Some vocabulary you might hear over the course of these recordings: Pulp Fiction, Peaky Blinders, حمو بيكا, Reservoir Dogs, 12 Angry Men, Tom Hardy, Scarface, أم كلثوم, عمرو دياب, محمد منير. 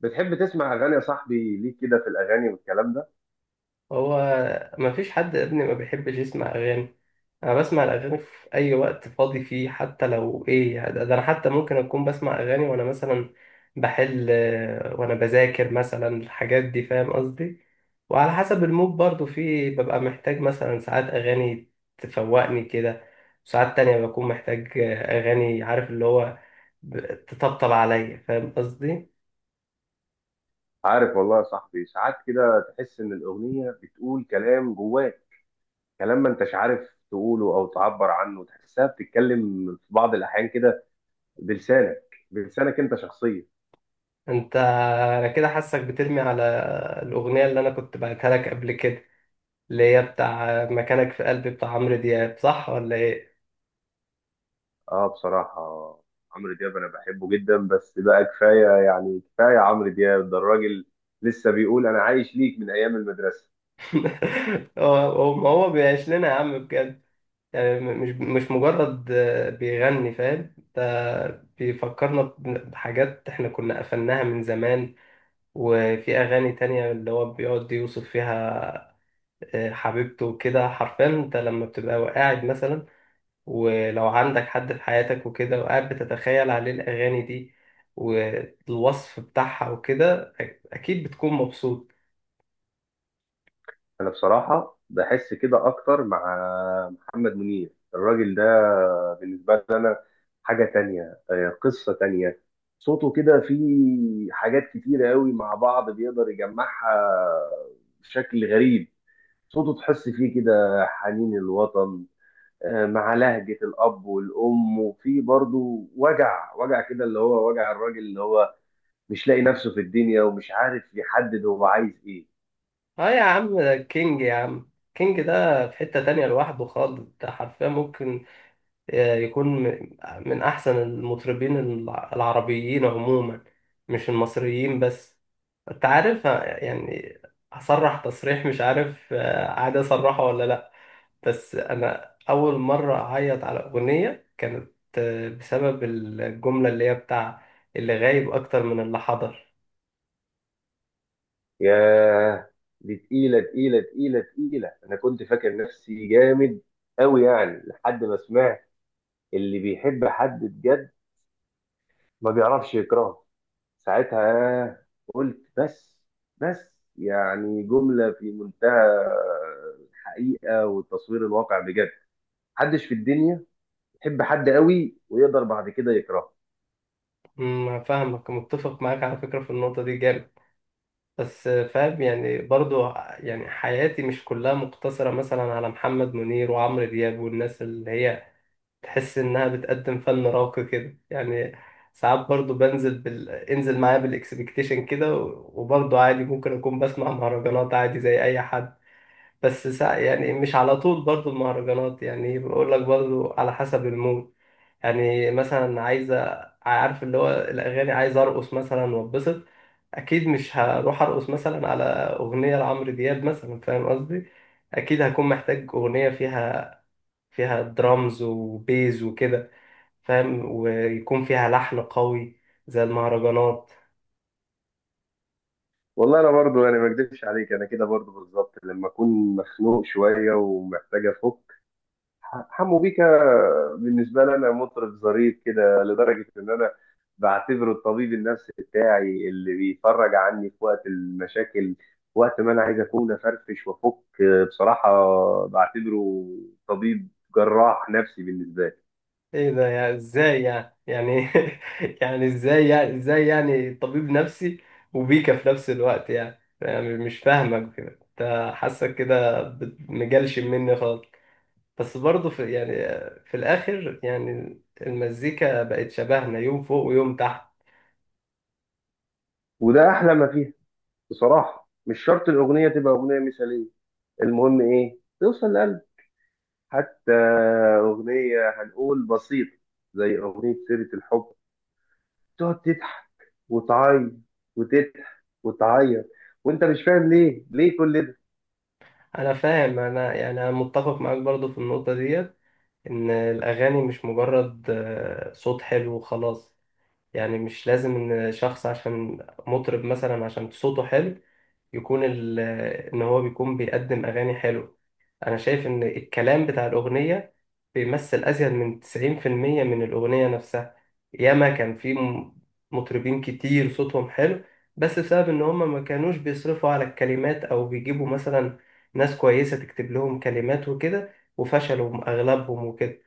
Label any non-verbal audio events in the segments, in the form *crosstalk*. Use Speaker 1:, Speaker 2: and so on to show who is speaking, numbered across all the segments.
Speaker 1: بتحب تسمع اغاني يا صاحبي؟ ليك كده في الاغاني والكلام ده.
Speaker 2: هو، ما فيش حد يا ابني ما بيحبش يسمع اغاني. انا بسمع الاغاني في اي وقت فاضي فيه، حتى لو ايه يعني، ده انا حتى ممكن اكون بسمع اغاني وانا مثلا بحل، وانا بذاكر مثلا الحاجات دي، فاهم قصدي. وعلى حسب المود برضو، في ببقى محتاج مثلا ساعات اغاني تفوقني كده، وساعات تانية بكون محتاج اغاني، عارف اللي هو تطبطب عليا، فاهم قصدي.
Speaker 1: عارف والله يا صاحبي، ساعات كده تحس ان الاغنيه بتقول كلام جواك، كلام ما انتش عارف تقوله او تعبر عنه. تحسها بتتكلم في بعض الاحيان كده بلسانك، بلسانك انت شخصيا.
Speaker 2: انت انا كده حاسك بترمي على الاغنية اللي انا كنت بعتها لك قبل كده، اللي هي بتاع مكانك في قلبي بتاع عمرو دياب، صح ولا ايه؟
Speaker 1: اه، بصراحه عمرو دياب انا بحبه جدا، بس بقى كفايه، يعني كفايه. عمرو دياب ده الراجل لسه بيقول انا عايش ليك من ايام المدرسه.
Speaker 2: *laughs* ما هو بيعيش لنا يا عم بجد، يعني مش مجرد بيغني، فاهم؟ ده بيفكرنا بحاجات احنا كنا قفلناها من زمان. وفي اغاني تانية اللي هو بيقعد يوصف فيها حبيبته وكده. حرفيا انت لما بتبقى قاعد مثلا، ولو عندك حد في حياتك وكده وقاعد بتتخيل عليه الأغاني دي والوصف بتاعها وكده، أكيد بتكون مبسوط.
Speaker 1: انا بصراحه بحس كده اكتر مع محمد منير. الراجل ده بالنسبه لي انا حاجه تانية، قصه تانية. صوته كده فيه حاجات كتيره قوي مع بعض بيقدر يجمعها بشكل غريب. صوته تحس فيه كده حنين الوطن، مع لهجه الاب والام، وفيه برضه وجع وجع كده، اللي هو وجع الراجل اللي هو مش لاقي نفسه في الدنيا ومش عارف يحدد هو عايز ايه.
Speaker 2: اه يا عم، ده كينج يا عم. كينج ده في حتة تانية لوحده خالص. ده حرفيا ممكن يكون من أحسن المطربين العربيين عموما، مش المصريين بس. أنت عارف، يعني، هصرح تصريح مش عارف عادي أصرحه ولا لأ، بس انا اول مره اعيط على اغنيه كانت بسبب الجمله اللي هي بتاع اللي غايب اكتر من اللي حضر.
Speaker 1: ياه، دي تقيلة تقيلة تقيلة تقيلة. أنا كنت فاكر نفسي جامد أوي يعني، لحد ما سمعت اللي بيحب حد بجد ما بيعرفش يكرهه. ساعتها قلت بس. بس، يعني جملة في منتهى الحقيقة والتصوير الواقع بجد. محدش في الدنيا يحب حد قوي ويقدر بعد كده يكرهه.
Speaker 2: فاهمك، متفق معاك على فكره في النقطه دي جامد، بس فاهم يعني برضو. يعني حياتي مش كلها مقتصره مثلا على محمد منير وعمرو دياب والناس اللي هي تحس انها بتقدم فن راقي كده يعني. ساعات برضو بنزل انزل معايا بالاكسبكتيشن كده، وبرضو عادي ممكن اكون بسمع مهرجانات عادي زي اي حد، بس يعني مش على طول برضو المهرجانات، يعني بقول لك برضو على حسب المود. يعني مثلا عارف اللي هو الأغاني، عايز أرقص مثلا وأتبسط. أكيد مش هروح أرقص مثلا على أغنية لعمرو دياب مثلا، فاهم قصدي. أكيد هكون محتاج أغنية فيها درامز وبيز وكده، فاهم، ويكون فيها لحن قوي زي المهرجانات.
Speaker 1: والله انا برضو يعني ما اكدبش عليك، انا كده برضو بالظبط. لما اكون مخنوق شويه ومحتاج افك، حمو بيكا بالنسبة لي أنا مطرب ظريف كده، لدرجة إن أنا بعتبره الطبيب النفسي بتاعي اللي بيفرج عني في وقت المشاكل، وقت ما أنا عايز أكون أفرفش وأفك. بصراحة بعتبره طبيب جراح نفسي بالنسبة لي.
Speaker 2: ايه ده، يعني ازاي؟ يعني *laughs* يعني ازاي يعني ازاي يعني طبيب نفسي وبيكا في نفس الوقت؟ يعني مش فاهمك كده، انت حاسك كده مجلشم مني خالص. بس برضه في يعني، في الاخر يعني المزيكا بقت شبهنا، يوم فوق ويوم تحت.
Speaker 1: وده أحلى ما فيه. بصراحة مش شرط الأغنية تبقى أغنية مثالية، المهم إيه؟ توصل لقلب. حتى أغنية هنقول بسيطة زي أغنية سيرة الحب، تقعد تضحك وتعيط وتضحك وتعيط وانت مش فاهم ليه ليه كل ده.
Speaker 2: انا فاهم، انا يعني انا متفق معاك برضه في النقطة ديت، ان الاغاني مش مجرد صوت حلو وخلاص. يعني مش لازم ان شخص عشان مطرب مثلا عشان صوته حلو يكون ان هو بيكون بيقدم اغاني حلو. انا شايف ان الكلام بتاع الاغنيه بيمثل ازيد من 90% من الاغنيه نفسها. ياما كان في مطربين كتير صوتهم حلو، بس بسبب ان هم ما كانوش بيصرفوا على الكلمات او بيجيبوا مثلا ناس كويسه تكتب لهم كلمات وكده، وفشلوا اغلبهم وكده.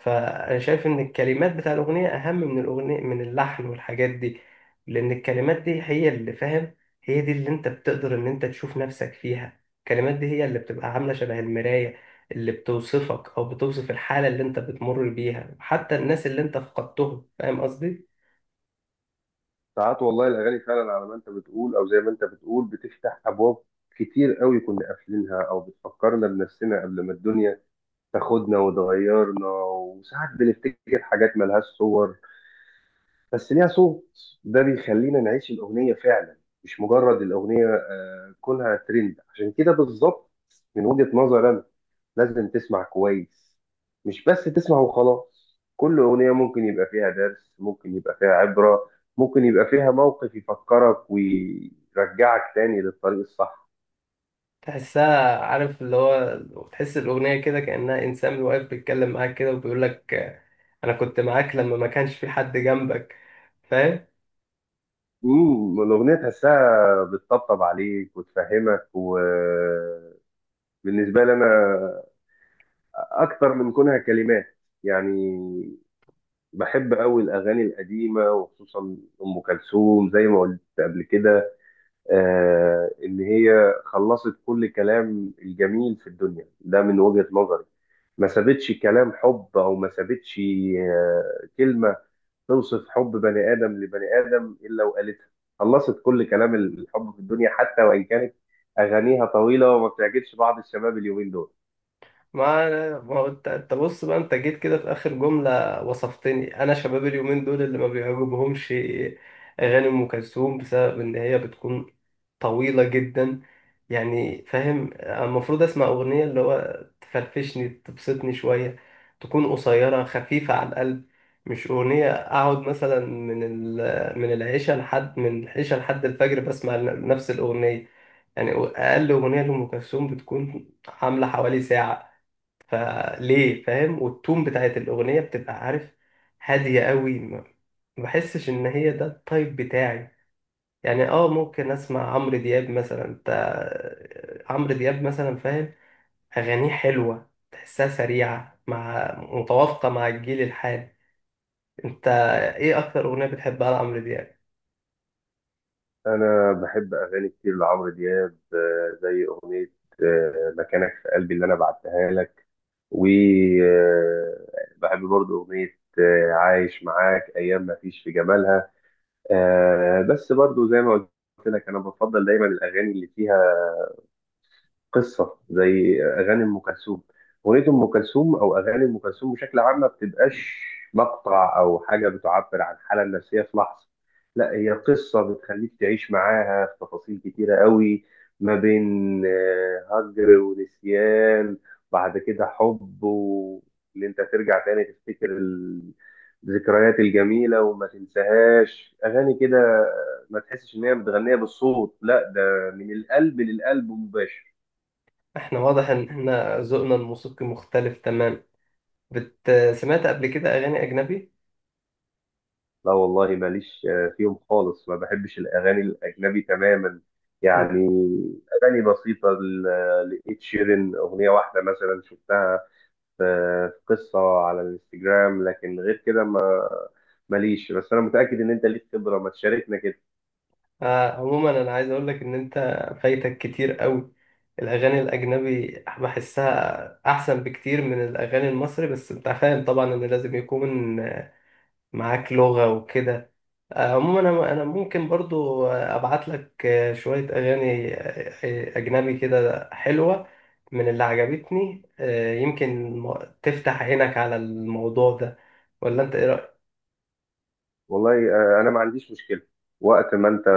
Speaker 2: فانا شايف ان الكلمات بتاع الاغنيه اهم من الاغنيه، من اللحن والحاجات دي، لان الكلمات دي هي اللي، فاهم، هي دي اللي انت بتقدر ان انت تشوف نفسك فيها. الكلمات دي هي اللي بتبقى عامله شبه المرايه اللي بتوصفك او بتوصف الحاله اللي انت بتمر بيها، حتى الناس اللي انت فقدتهم، فاهم قصدي.
Speaker 1: ساعات والله الاغاني فعلا على ما انت بتقول، او زي ما انت بتقول، بتفتح ابواب كتير قوي كنا قافلينها، او بتفكرنا بنفسنا قبل ما الدنيا تاخدنا وتغيرنا. وساعات بنفتكر حاجات ملهاش صور بس ليها صوت، ده بيخلينا نعيش الاغنيه فعلا. مش مجرد الاغنيه، كونها ترند عشان كده بالظبط. من وجهه نظري انا لازم تسمع كويس، مش بس تسمع وخلاص. كل أغنية ممكن يبقى فيها درس، ممكن يبقى فيها عبرة، ممكن يبقى فيها موقف يفكرك ويرجعك تاني للطريق الصح.
Speaker 2: تحسها، عارف اللي هو، تحس الاغنيه كده كانها انسان واقف بيتكلم معاك كده وبيقول لك انا كنت معاك لما ما كانش في حد جنبك، فاهم؟
Speaker 1: الأغنية تحسها بتطبطب عليك وتفهمك. وبالنسبة لي أنا، أكتر من كونها كلمات يعني، بحب أوي الأغاني القديمة، وخصوصا أم كلثوم زي ما قلت قبل كده. إن هي خلصت كل كلام الجميل في الدنيا ده من وجهة نظري. ما سابتش كلام حب، أو ما سابتش كلمة توصف حب بني آدم لبني آدم إلا وقالتها. خلصت كل كلام الحب في الدنيا، حتى وإن كانت أغانيها طويلة وما بتعجبش بعض الشباب اليومين دول.
Speaker 2: ما ما هو انت، انت بص بقى، انت جيت كده في اخر جمله وصفتني انا شباب اليومين دول اللي ما بيعجبهمش اغاني ام كلثوم بسبب ان هي بتكون طويله جدا. يعني فاهم، المفروض اسمع اغنيه اللي هو تفرفشني، تبسطني شويه، تكون قصيره خفيفه على القلب، مش اغنيه اقعد مثلا من من العشاء لحد الفجر بسمع نفس الاغنيه. يعني اقل اغنيه لام كلثوم بتكون عامله حوالي ساعه، فليه؟ فاهم، والتون بتاعت الأغنية بتبقى، عارف، هادية قوي. ما بحسش إن هي ده التايب بتاعي. يعني اه، ممكن اسمع عمرو دياب مثلا. انت عمرو دياب مثلا، فاهم، اغانيه حلوه، تحسها سريعه، مع متوافقه مع الجيل الحالي. انت ايه اكتر اغنيه بتحبها لعمرو دياب؟
Speaker 1: أنا بحب أغاني كتير لعمرو دياب، زي أغنية مكانك في قلبي اللي أنا بعتها لك. وبحب برضو أغنية عايش معاك أيام ما فيش في جمالها. بس برضو زي ما قلت لك، أنا بفضل دايما الأغاني اللي فيها قصه، زي اغاني ام كلثوم. اغنيه ام كلثوم او اغاني ام كلثوم بشكل عام ما بتبقاش مقطع او حاجه بتعبر عن الحاله النفسيه في لحظه، لا هي قصه بتخليك تعيش معاها في تفاصيل كتيره قوي، ما بين هجر ونسيان، بعد كده حب، وان انت ترجع تاني تفتكر الذكريات الجميله وما تنساهاش. اغاني كده ما تحسش ان هي متغنيه بالصوت، لا ده من القلب للقلب مباشر.
Speaker 2: احنا واضح ان احنا ذوقنا الموسيقي مختلف تمام. سمعت قبل كده اغاني اجنبي؟
Speaker 1: لا والله ماليش فيهم خالص، ما بحبش الأغاني الأجنبي تماما. يعني أغاني بسيطة لإد شيرين، أغنية واحدة مثلا شفتها في في قصة على الانستجرام، لكن غير كده ما ماليش. بس أنا متأكد إن أنت ليك خبرة، ما تشاركنا كده.
Speaker 2: آه، عموما انا عايز اقول لك ان انت فايتك كتير قوي الاغاني الاجنبي، بحسها احسن بكتير من الاغاني المصري، بس انت فاهم طبعا ان لازم يكون معاك لغة وكده. آه، عموما أنا ممكن برضو ابعت لك شوية اغاني اجنبي كده حلوة من اللي عجبتني. آه، يمكن تفتح عينك على الموضوع ده، ولا انت ايه رأيك؟
Speaker 1: والله أنا ما عنديش مشكلة. وقت ما أنت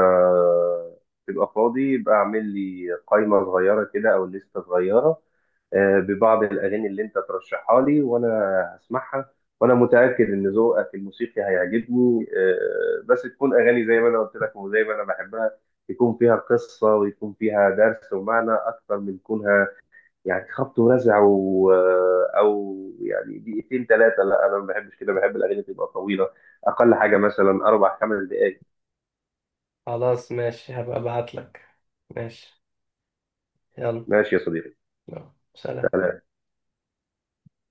Speaker 1: تبقى فاضي، يبقى اعمل لي قائمة صغيرة كده أو لستة صغيرة ببعض الأغاني اللي أنت ترشحها لي، وأنا هسمعها. وأنا متأكد إن ذوقك الموسيقي هيعجبني. بس تكون أغاني زي ما أنا قلت لك، وزي ما أنا بحبها، يكون فيها قصة، ويكون فيها درس ومعنى، أكتر من كونها يعني خبط ورزع أو يعني دقيقتين 3. لا أنا ما بحبش كده، بحب الأغاني تبقى طويلة، أقل حاجة مثلا 4 5 دقايق.
Speaker 2: خلاص ماشي، هبقى ابعت لك. ماشي. يلا.
Speaker 1: ماشي يا صديقي.
Speaker 2: يلا. سلام.